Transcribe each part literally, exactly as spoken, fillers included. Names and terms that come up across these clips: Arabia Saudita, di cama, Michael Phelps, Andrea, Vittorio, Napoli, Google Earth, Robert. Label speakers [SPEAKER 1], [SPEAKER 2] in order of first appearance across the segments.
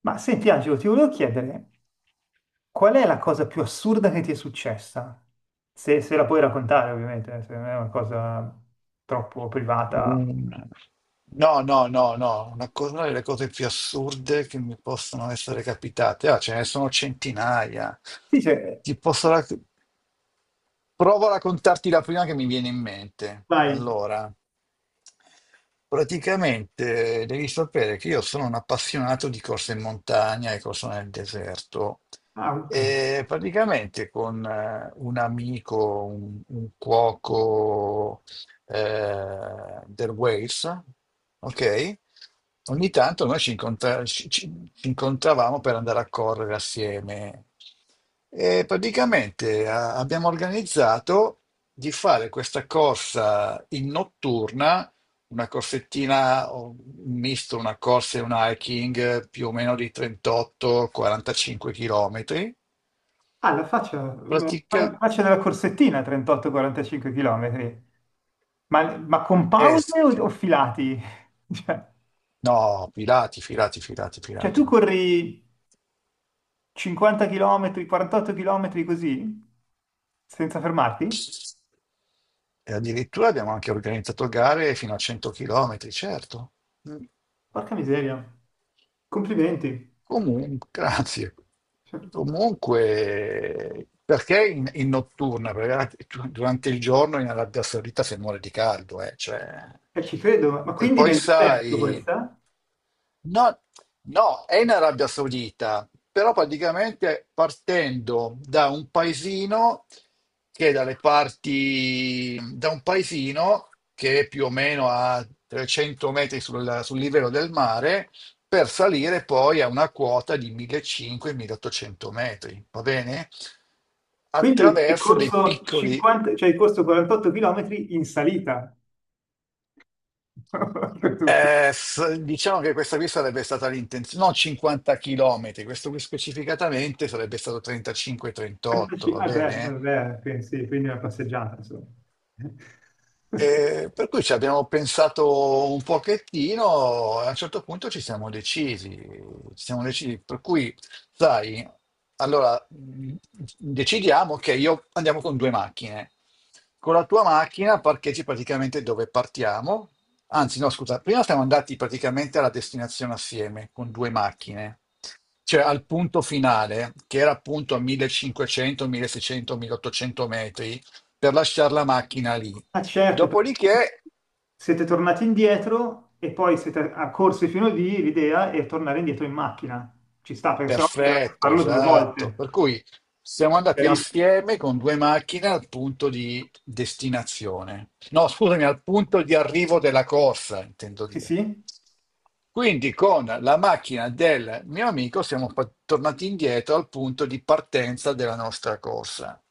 [SPEAKER 1] Ma senti Angelo, ti volevo chiedere, qual è la cosa più assurda che ti è successa? Se, se la puoi raccontare, ovviamente, eh, se non è una cosa troppo privata.
[SPEAKER 2] Un- No, no, no, no, una, co- una delle cose più assurde che mi possono essere capitate, ah, ce ne sono centinaia.
[SPEAKER 1] Sì, cioè,
[SPEAKER 2] Ti posso rac- Provo a raccontarti la prima che mi viene in mente.
[SPEAKER 1] vai,
[SPEAKER 2] Allora. Praticamente eh, devi sapere che io sono un appassionato di corse in montagna e corse nel deserto
[SPEAKER 1] Auca.
[SPEAKER 2] e praticamente con eh, un amico, un, un cuoco eh, del Wales, ok? Ogni tanto noi ci, incontra- ci- ci- ci incontravamo per andare a correre assieme e praticamente a- abbiamo organizzato di fare questa corsa in notturna, una corsettina, o un misto, una corsa e un hiking eh, più o meno di trentotto quarantacinque km.
[SPEAKER 1] Ah, la faccia,
[SPEAKER 2] Pratica
[SPEAKER 1] la faccia della corsettina, trentotto a quarantacinque km. Ma, ma con
[SPEAKER 2] est.
[SPEAKER 1] pause o, o filati? Cioè,
[SPEAKER 2] No, filati, filati, filati,
[SPEAKER 1] cioè, tu
[SPEAKER 2] filati.
[SPEAKER 1] corri cinquanta chilometri, quarantotto chilometri così, senza fermarti?
[SPEAKER 2] E addirittura abbiamo anche organizzato gare fino a cento chilometri, certo. Mm.
[SPEAKER 1] Porca miseria. Complimenti.
[SPEAKER 2] Comunque, grazie.
[SPEAKER 1] Cioè,
[SPEAKER 2] Comunque, perché in, in notturna? Perché du- durante il giorno in Arabia Saudita si muore di caldo, eh, cioè.
[SPEAKER 1] eh, ci credo, ma ma
[SPEAKER 2] E
[SPEAKER 1] quindi
[SPEAKER 2] poi
[SPEAKER 1] nel
[SPEAKER 2] sai,
[SPEAKER 1] deserto questa?
[SPEAKER 2] no, no, è in Arabia Saudita, però praticamente partendo da un paesino che è dalle parti, da un paesino che è più o meno a trecento metri sul sul livello del mare, per salire poi a una quota di millecinquecento-milleottocento metri, va bene?
[SPEAKER 1] Quindi hai
[SPEAKER 2] Attraverso dei
[SPEAKER 1] corso
[SPEAKER 2] piccoli,
[SPEAKER 1] cinquanta, cioè hai corso quarantotto chilometri in salita. Tutto.
[SPEAKER 2] eh, s- diciamo che questa qui sarebbe stata l'intenzione, non cinquanta chilometri, questo qui specificatamente sarebbe stato trentacinque trentotto,
[SPEAKER 1] quarantacinque.
[SPEAKER 2] va
[SPEAKER 1] Ah beh,
[SPEAKER 2] bene?
[SPEAKER 1] eh, beh, quindi sì, quindi una passeggiata, insomma.
[SPEAKER 2] E per cui ci abbiamo pensato un pochettino e a un certo punto ci siamo decisi, ci siamo decisi, per cui, sai, allora mh, decidiamo che io andiamo con due macchine. Con la tua macchina parcheggi praticamente dove partiamo, anzi no, scusa, prima siamo andati praticamente alla destinazione assieme con due macchine, cioè al punto finale, che era appunto a millecinquecento, milleseicento, milleottocento metri per lasciare la macchina lì.
[SPEAKER 1] Ah certo, perché
[SPEAKER 2] Dopodiché,
[SPEAKER 1] siete tornati indietro e poi siete a corsi fino lì, l'idea è tornare indietro in macchina. Ci sta, perché sennò dovete
[SPEAKER 2] perfetto,
[SPEAKER 1] farlo due
[SPEAKER 2] esatto.
[SPEAKER 1] volte.
[SPEAKER 2] Per cui siamo andati
[SPEAKER 1] Chiarissimo.
[SPEAKER 2] assieme con due macchine al punto di destinazione. No, scusami, al punto di arrivo della corsa, intendo
[SPEAKER 1] Sì,
[SPEAKER 2] dire.
[SPEAKER 1] sì.
[SPEAKER 2] Quindi con la macchina del mio amico siamo pa- tornati indietro al punto di partenza della nostra corsa.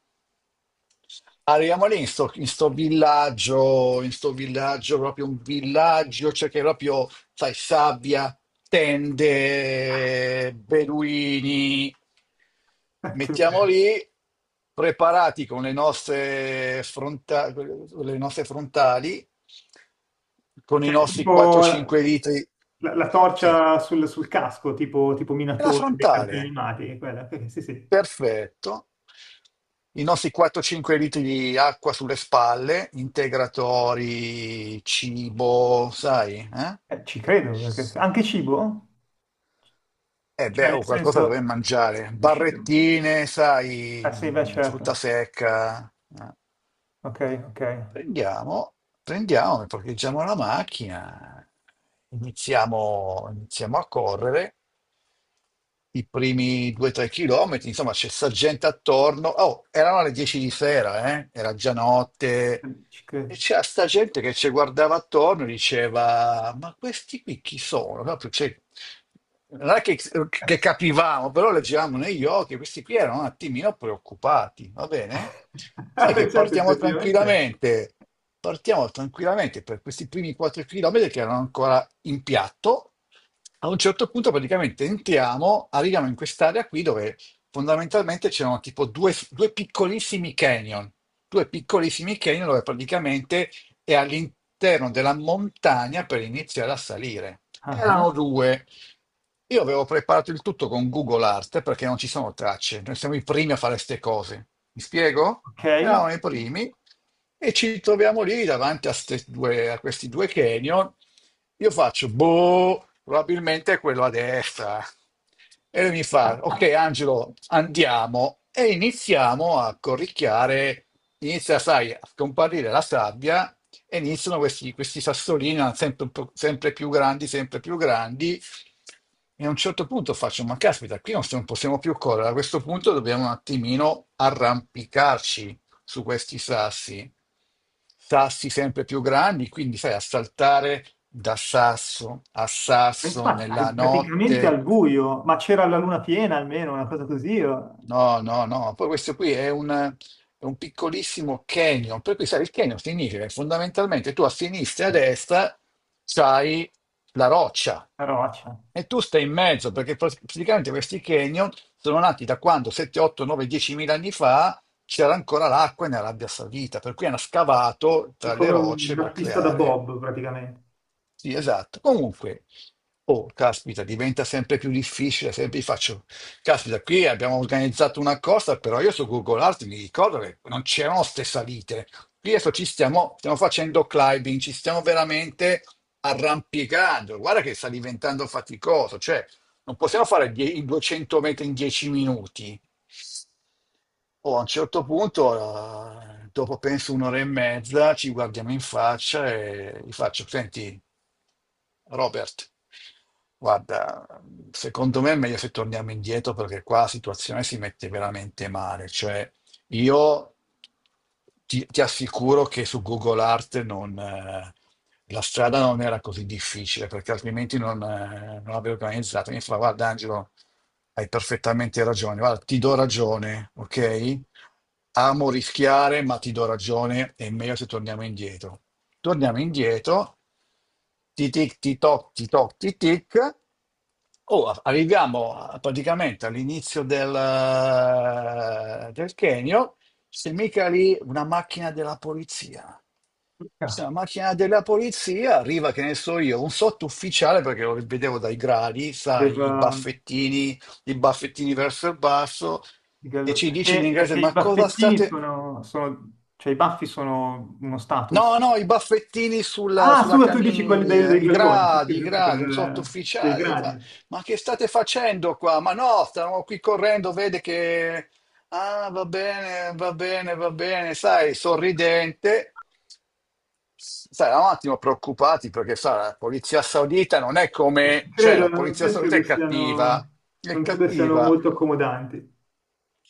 [SPEAKER 2] Arriviamo lì in sto, in sto villaggio, in sto villaggio, proprio un villaggio, cioè che proprio, sai, sabbia, tende, beduini. Mettiamo lì, preparati con le nostre, fronta- le nostre frontali, con i
[SPEAKER 1] Cioè,
[SPEAKER 2] nostri
[SPEAKER 1] tipo
[SPEAKER 2] quattro cinque
[SPEAKER 1] la,
[SPEAKER 2] litri.
[SPEAKER 1] la- la
[SPEAKER 2] Sì,
[SPEAKER 1] torcia sul, sul casco, tipo, tipo
[SPEAKER 2] è la
[SPEAKER 1] Minatore dei cartoni
[SPEAKER 2] frontale.
[SPEAKER 1] animati, quella. Perché, sì, sì.
[SPEAKER 2] Perfetto. I nostri quattro cinque litri di acqua sulle spalle, integratori, cibo, sai? Eh?
[SPEAKER 1] Eh, ci credo, perché se- anche cibo?
[SPEAKER 2] Eh beh,
[SPEAKER 1] Cioè, nel
[SPEAKER 2] oh, qualcosa
[SPEAKER 1] senso...
[SPEAKER 2] dovremmo mangiare.
[SPEAKER 1] riuscite-
[SPEAKER 2] Barrettine,
[SPEAKER 1] Ah
[SPEAKER 2] sai,
[SPEAKER 1] sì, beh,
[SPEAKER 2] mm, frutta
[SPEAKER 1] certo.
[SPEAKER 2] secca. eh.
[SPEAKER 1] Ok, ok.
[SPEAKER 2] Prendiamo, prendiamo, e parcheggiamo la macchina, iniziamo, iniziamo a correre i primi due tre chilometri, insomma c'è sta gente attorno. Oh, erano le dieci di sera, eh? Era già notte,
[SPEAKER 1] Ci
[SPEAKER 2] e
[SPEAKER 1] credo.
[SPEAKER 2] c'era sta gente che ci guardava attorno e diceva: ma questi qui chi sono? Proprio, cioè, non è che,
[SPEAKER 1] Eh,
[SPEAKER 2] che
[SPEAKER 1] sì.
[SPEAKER 2] capivamo, però leggevamo negli occhi, questi qui erano un attimino preoccupati, va bene?
[SPEAKER 1] Ah,
[SPEAKER 2] Sai
[SPEAKER 1] beh,
[SPEAKER 2] che
[SPEAKER 1] certo,
[SPEAKER 2] partiamo
[SPEAKER 1] effettivamente.
[SPEAKER 2] tranquillamente, partiamo tranquillamente per questi primi quattro chilometri che erano ancora in piatto. A un certo punto praticamente entriamo, arriviamo in quest'area qui dove fondamentalmente c'erano tipo due due piccolissimi canyon, due piccolissimi canyon dove praticamente è all'interno della montagna per iniziare a salire.
[SPEAKER 1] Ah,
[SPEAKER 2] Erano due. Io avevo preparato il tutto con Google Art perché non ci sono tracce, noi siamo i primi a fare queste cose. Mi spiego?
[SPEAKER 1] ok.
[SPEAKER 2] Eravamo i
[SPEAKER 1] E
[SPEAKER 2] primi e ci troviamo lì davanti a, ste due- a questi due canyon. Io faccio, boh, probabilmente è quello a destra. E lui mi fa, ok Angelo, andiamo. E iniziamo a corricchiare, inizia, sai, a scomparire la sabbia e iniziano questi, questi sassolini ah, sempre, un po', sempre più grandi, sempre più grandi. E a un certo punto faccio, ma caspita, qui non s- non possiamo più correre, a questo punto dobbiamo un attimino arrampicarci su questi sassi. Sassi sempre più grandi, quindi sai, a saltare da sasso a sasso
[SPEAKER 1] infatti,
[SPEAKER 2] nella
[SPEAKER 1] al- praticamente al
[SPEAKER 2] notte.
[SPEAKER 1] buio, ma c'era la luna piena almeno, una cosa così, o-
[SPEAKER 2] No, no, no, poi questo qui è un, è un piccolissimo canyon, per cui sai, il canyon significa che fondamentalmente tu a sinistra e a destra c'hai la roccia
[SPEAKER 1] una roccia.
[SPEAKER 2] e tu stai in mezzo, perché pr- praticamente questi canyon sono nati da quando sette, otto, nove, dieci mila anni fa c'era ancora l'acqua nell'Arabia Saudita, per cui hanno scavato
[SPEAKER 1] È
[SPEAKER 2] tra le
[SPEAKER 1] come un-
[SPEAKER 2] rocce
[SPEAKER 1] una
[SPEAKER 2] per
[SPEAKER 1] pista da
[SPEAKER 2] creare.
[SPEAKER 1] bob, praticamente.
[SPEAKER 2] Sì, esatto. Comunque, oh, caspita, diventa sempre più difficile, sempre faccio, caspita, qui abbiamo organizzato una cosa, però io su Google Earth mi ricordo che non c'erano ste salite. Qui adesso ci stiamo, stiamo facendo climbing, ci stiamo veramente arrampicando. Guarda che sta diventando faticoso, cioè non possiamo fare die- i duecento metri in dieci minuti. Oh, a un certo punto, eh, dopo penso un'ora e mezza, ci guardiamo in faccia e gli faccio, senti, Robert, guarda, secondo me è meglio se torniamo indietro perché qua la situazione si mette veramente male, cioè io ti, ti assicuro che su Google Art non, eh, la strada non era così difficile perché altrimenti non, eh, non l'avrei organizzata. Mi fa, guarda Angelo, hai perfettamente ragione, guarda, ti do ragione, ok? Amo rischiare, ma ti do ragione, è meglio se torniamo indietro. Torniamo indietro, ti tic, ti toc, ti toc, ti tic. Oh, a- arriviamo a- praticamente all'inizio del, eh, del Kenio, c'è mica lì una macchina della polizia. C'è una macchina della polizia, arriva, che ne so io, un sottufficiale, perché lo vedevo dai gradi, sai,
[SPEAKER 1] Aveva
[SPEAKER 2] i baffettini, i baffettini verso il basso,
[SPEAKER 1] il
[SPEAKER 2] e
[SPEAKER 1] gallo-
[SPEAKER 2] ci dice in
[SPEAKER 1] perché,
[SPEAKER 2] inglese,
[SPEAKER 1] perché i
[SPEAKER 2] ma cosa
[SPEAKER 1] baffettini
[SPEAKER 2] state...
[SPEAKER 1] sono, sono- cioè i baffi sono uno
[SPEAKER 2] No,
[SPEAKER 1] status.
[SPEAKER 2] no, i baffettini sulla,
[SPEAKER 1] Ah,
[SPEAKER 2] sulla
[SPEAKER 1] scusa, tu dici quelli dei,
[SPEAKER 2] camicia,
[SPEAKER 1] dei
[SPEAKER 2] i
[SPEAKER 1] galloni, sì, sì,
[SPEAKER 2] gradi,
[SPEAKER 1] ho
[SPEAKER 2] i
[SPEAKER 1] capito,
[SPEAKER 2] gradi, un
[SPEAKER 1] del- dei
[SPEAKER 2] sottufficiale. Gli fa,
[SPEAKER 1] gradi.
[SPEAKER 2] ma che state facendo qua? Ma no, stavamo qui correndo, vede che... Ah, va bene, va bene, va bene, sai, sorridente. Sai, eravamo un attimo preoccupati perché, sa, la polizia saudita non è
[SPEAKER 1] Ci
[SPEAKER 2] come... Cioè,
[SPEAKER 1] credo,
[SPEAKER 2] la
[SPEAKER 1] non
[SPEAKER 2] polizia
[SPEAKER 1] penso
[SPEAKER 2] saudita è
[SPEAKER 1] che
[SPEAKER 2] cattiva,
[SPEAKER 1] siano,
[SPEAKER 2] è
[SPEAKER 1] non credo siano
[SPEAKER 2] cattiva.
[SPEAKER 1] molto accomodanti.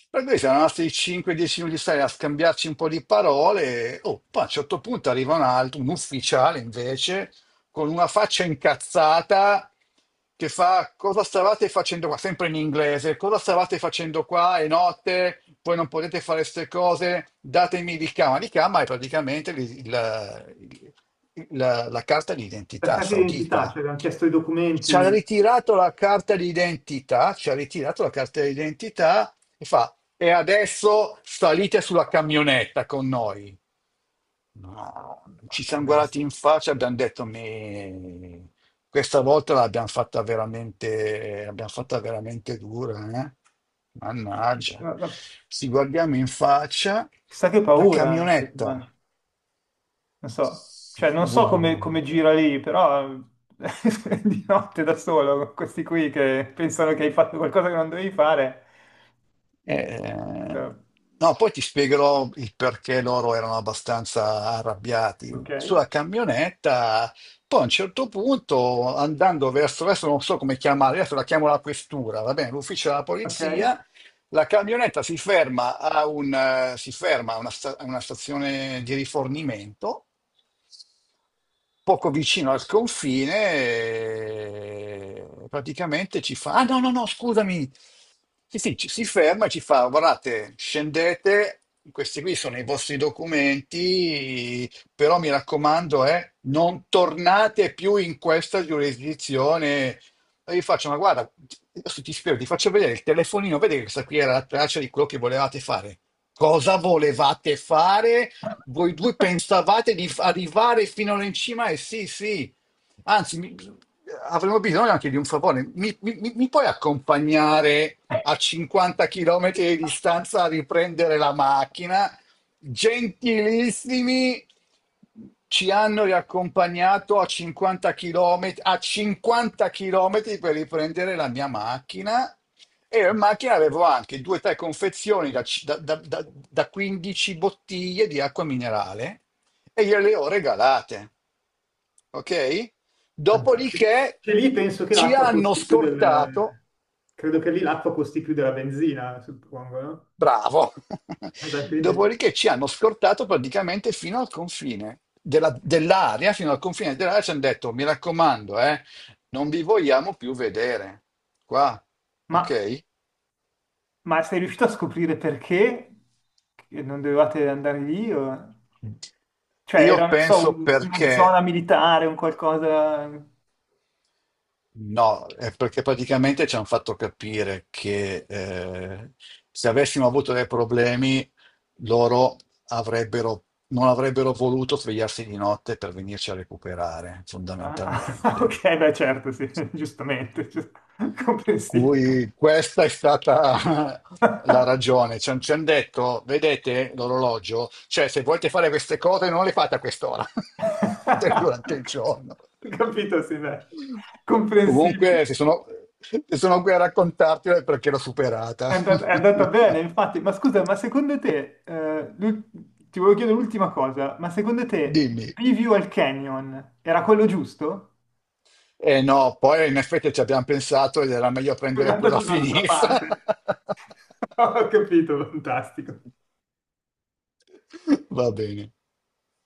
[SPEAKER 2] Per cui siamo rimasti cinque dieci minuti stare a scambiarci un po' di parole. E, oh, poi a un certo punto arriva un altro, un ufficiale invece, con una faccia incazzata che fa: cosa stavate facendo qua? Sempre in inglese, cosa stavate facendo qua? È notte, poi non potete fare queste cose, datemi di cama. Di cama è praticamente il- la, la- la carta di
[SPEAKER 1] La
[SPEAKER 2] identità
[SPEAKER 1] casa d'identità,
[SPEAKER 2] saudita.
[SPEAKER 1] cioè abbiamo chiesto i
[SPEAKER 2] Ci ha
[SPEAKER 1] documenti.
[SPEAKER 2] ritirato la carta di identità, ci ha ritirato la carta di identità. E fa: e adesso salite sulla camionetta con noi. No, ci
[SPEAKER 1] Porca
[SPEAKER 2] siamo guardati
[SPEAKER 1] bestia,
[SPEAKER 2] in faccia e abbiamo detto, "Me, questa volta l'abbiamo fatta veramente, l'abbiamo fatta veramente dura, eh?
[SPEAKER 1] ma che-
[SPEAKER 2] Mannaggia.
[SPEAKER 1] ma- ma-
[SPEAKER 2] Ci guardiamo in faccia,
[SPEAKER 1] chissà che
[SPEAKER 2] la
[SPEAKER 1] paura.
[SPEAKER 2] camionetta
[SPEAKER 1] Non so, cioè non so come, come gira lì, però di notte da solo, con questi qui che pensano che hai fatto qualcosa che non dovevi fare.
[SPEAKER 2] Eh,
[SPEAKER 1] Eh,
[SPEAKER 2] no, poi ti spiegherò il perché loro erano abbastanza
[SPEAKER 1] Ok,
[SPEAKER 2] arrabbiati. Sulla camionetta, poi a un certo punto, andando verso, adesso non so come chiamare, adesso la chiamo la questura, va bene, l'ufficio della
[SPEAKER 1] ok.
[SPEAKER 2] polizia, la camionetta si ferma a, un, eh, si ferma a una sta- a una stazione di rifornimento poco vicino al confine, eh, praticamente ci fa, ah no, no, no, scusami, sì, sì, ci, si ferma e ci fa, guardate, scendete, questi qui sono i vostri documenti, però mi raccomando, eh, non tornate più in questa giurisdizione. E io faccio, ma guarda, adesso ti spiego, ti faccio vedere il telefonino, vedi che questa qui era la traccia di quello che volevate fare. Cosa volevate fare? Voi due pensavate di f- arrivare fino all'incima e sì, sì, anzi, mi- avremo bisogno anche di un favore. Mi, mi- mi- mi puoi accompagnare a cinquanta chilometri di distanza a riprendere la macchina? Gentilissimi, ci hanno riaccompagnato a cinquanta chilometri, a cinquanta chilometri per riprendere la mia macchina. E in macchina avevo anche due o tre confezioni da, c- da- da- da- da quindici bottiglie di acqua minerale e gliele ho regalate. Ok?
[SPEAKER 1] Che,
[SPEAKER 2] Dopodiché
[SPEAKER 1] che lì penso che
[SPEAKER 2] ci
[SPEAKER 1] l'acqua
[SPEAKER 2] hanno
[SPEAKER 1] costi più
[SPEAKER 2] scortato,
[SPEAKER 1] del... Credo che lì l'acqua costi più della benzina, suppongo, no?
[SPEAKER 2] bravo,
[SPEAKER 1] Alla fine-
[SPEAKER 2] dopodiché ci hanno scortato praticamente fino al confine della- dell'area, fino al confine dell'area ci hanno detto, mi raccomando, eh, non vi vogliamo più vedere qua,
[SPEAKER 1] Ma,
[SPEAKER 2] ok?
[SPEAKER 1] ma sei riuscito a scoprire perché che non dovevate andare lì? O- cioè
[SPEAKER 2] Io
[SPEAKER 1] era, non so,
[SPEAKER 2] penso
[SPEAKER 1] un- una
[SPEAKER 2] perché
[SPEAKER 1] zona militare, un qualcosa...
[SPEAKER 2] no, è perché praticamente ci hanno fatto capire che eh, se avessimo avuto dei problemi, loro avrebbero, non avrebbero voluto svegliarsi di notte per venirci a recuperare,
[SPEAKER 1] Ah, ah, ok,
[SPEAKER 2] fondamentalmente.
[SPEAKER 1] beh, certo, sì, giustamente, giu-
[SPEAKER 2] Per
[SPEAKER 1] comprensibile.
[SPEAKER 2] cui questa è stata la ragione. Ci han- ci hanno detto, vedete l'orologio? Cioè, se volete fare queste cose, non le fate a quest'ora, fate durante il giorno.
[SPEAKER 1] Capito, sì, beh,
[SPEAKER 2] Comunque,
[SPEAKER 1] comprensibile.
[SPEAKER 2] se sono, se sono qui a raccontartelo è perché l'ho superata.
[SPEAKER 1] È andat- è andata, bene, infatti. Ma scusa, ma secondo te, eh, l'ul- ti volevo chiedere l'ultima cosa, ma secondo te il
[SPEAKER 2] Dimmi.
[SPEAKER 1] preview al Canyon era quello giusto?
[SPEAKER 2] Eh no, poi in effetti ci abbiamo pensato ed era meglio
[SPEAKER 1] È
[SPEAKER 2] prendere quella
[SPEAKER 1] andato dall'altra parte.
[SPEAKER 2] finita.
[SPEAKER 1] Ho capito, fantastico.
[SPEAKER 2] Va bene.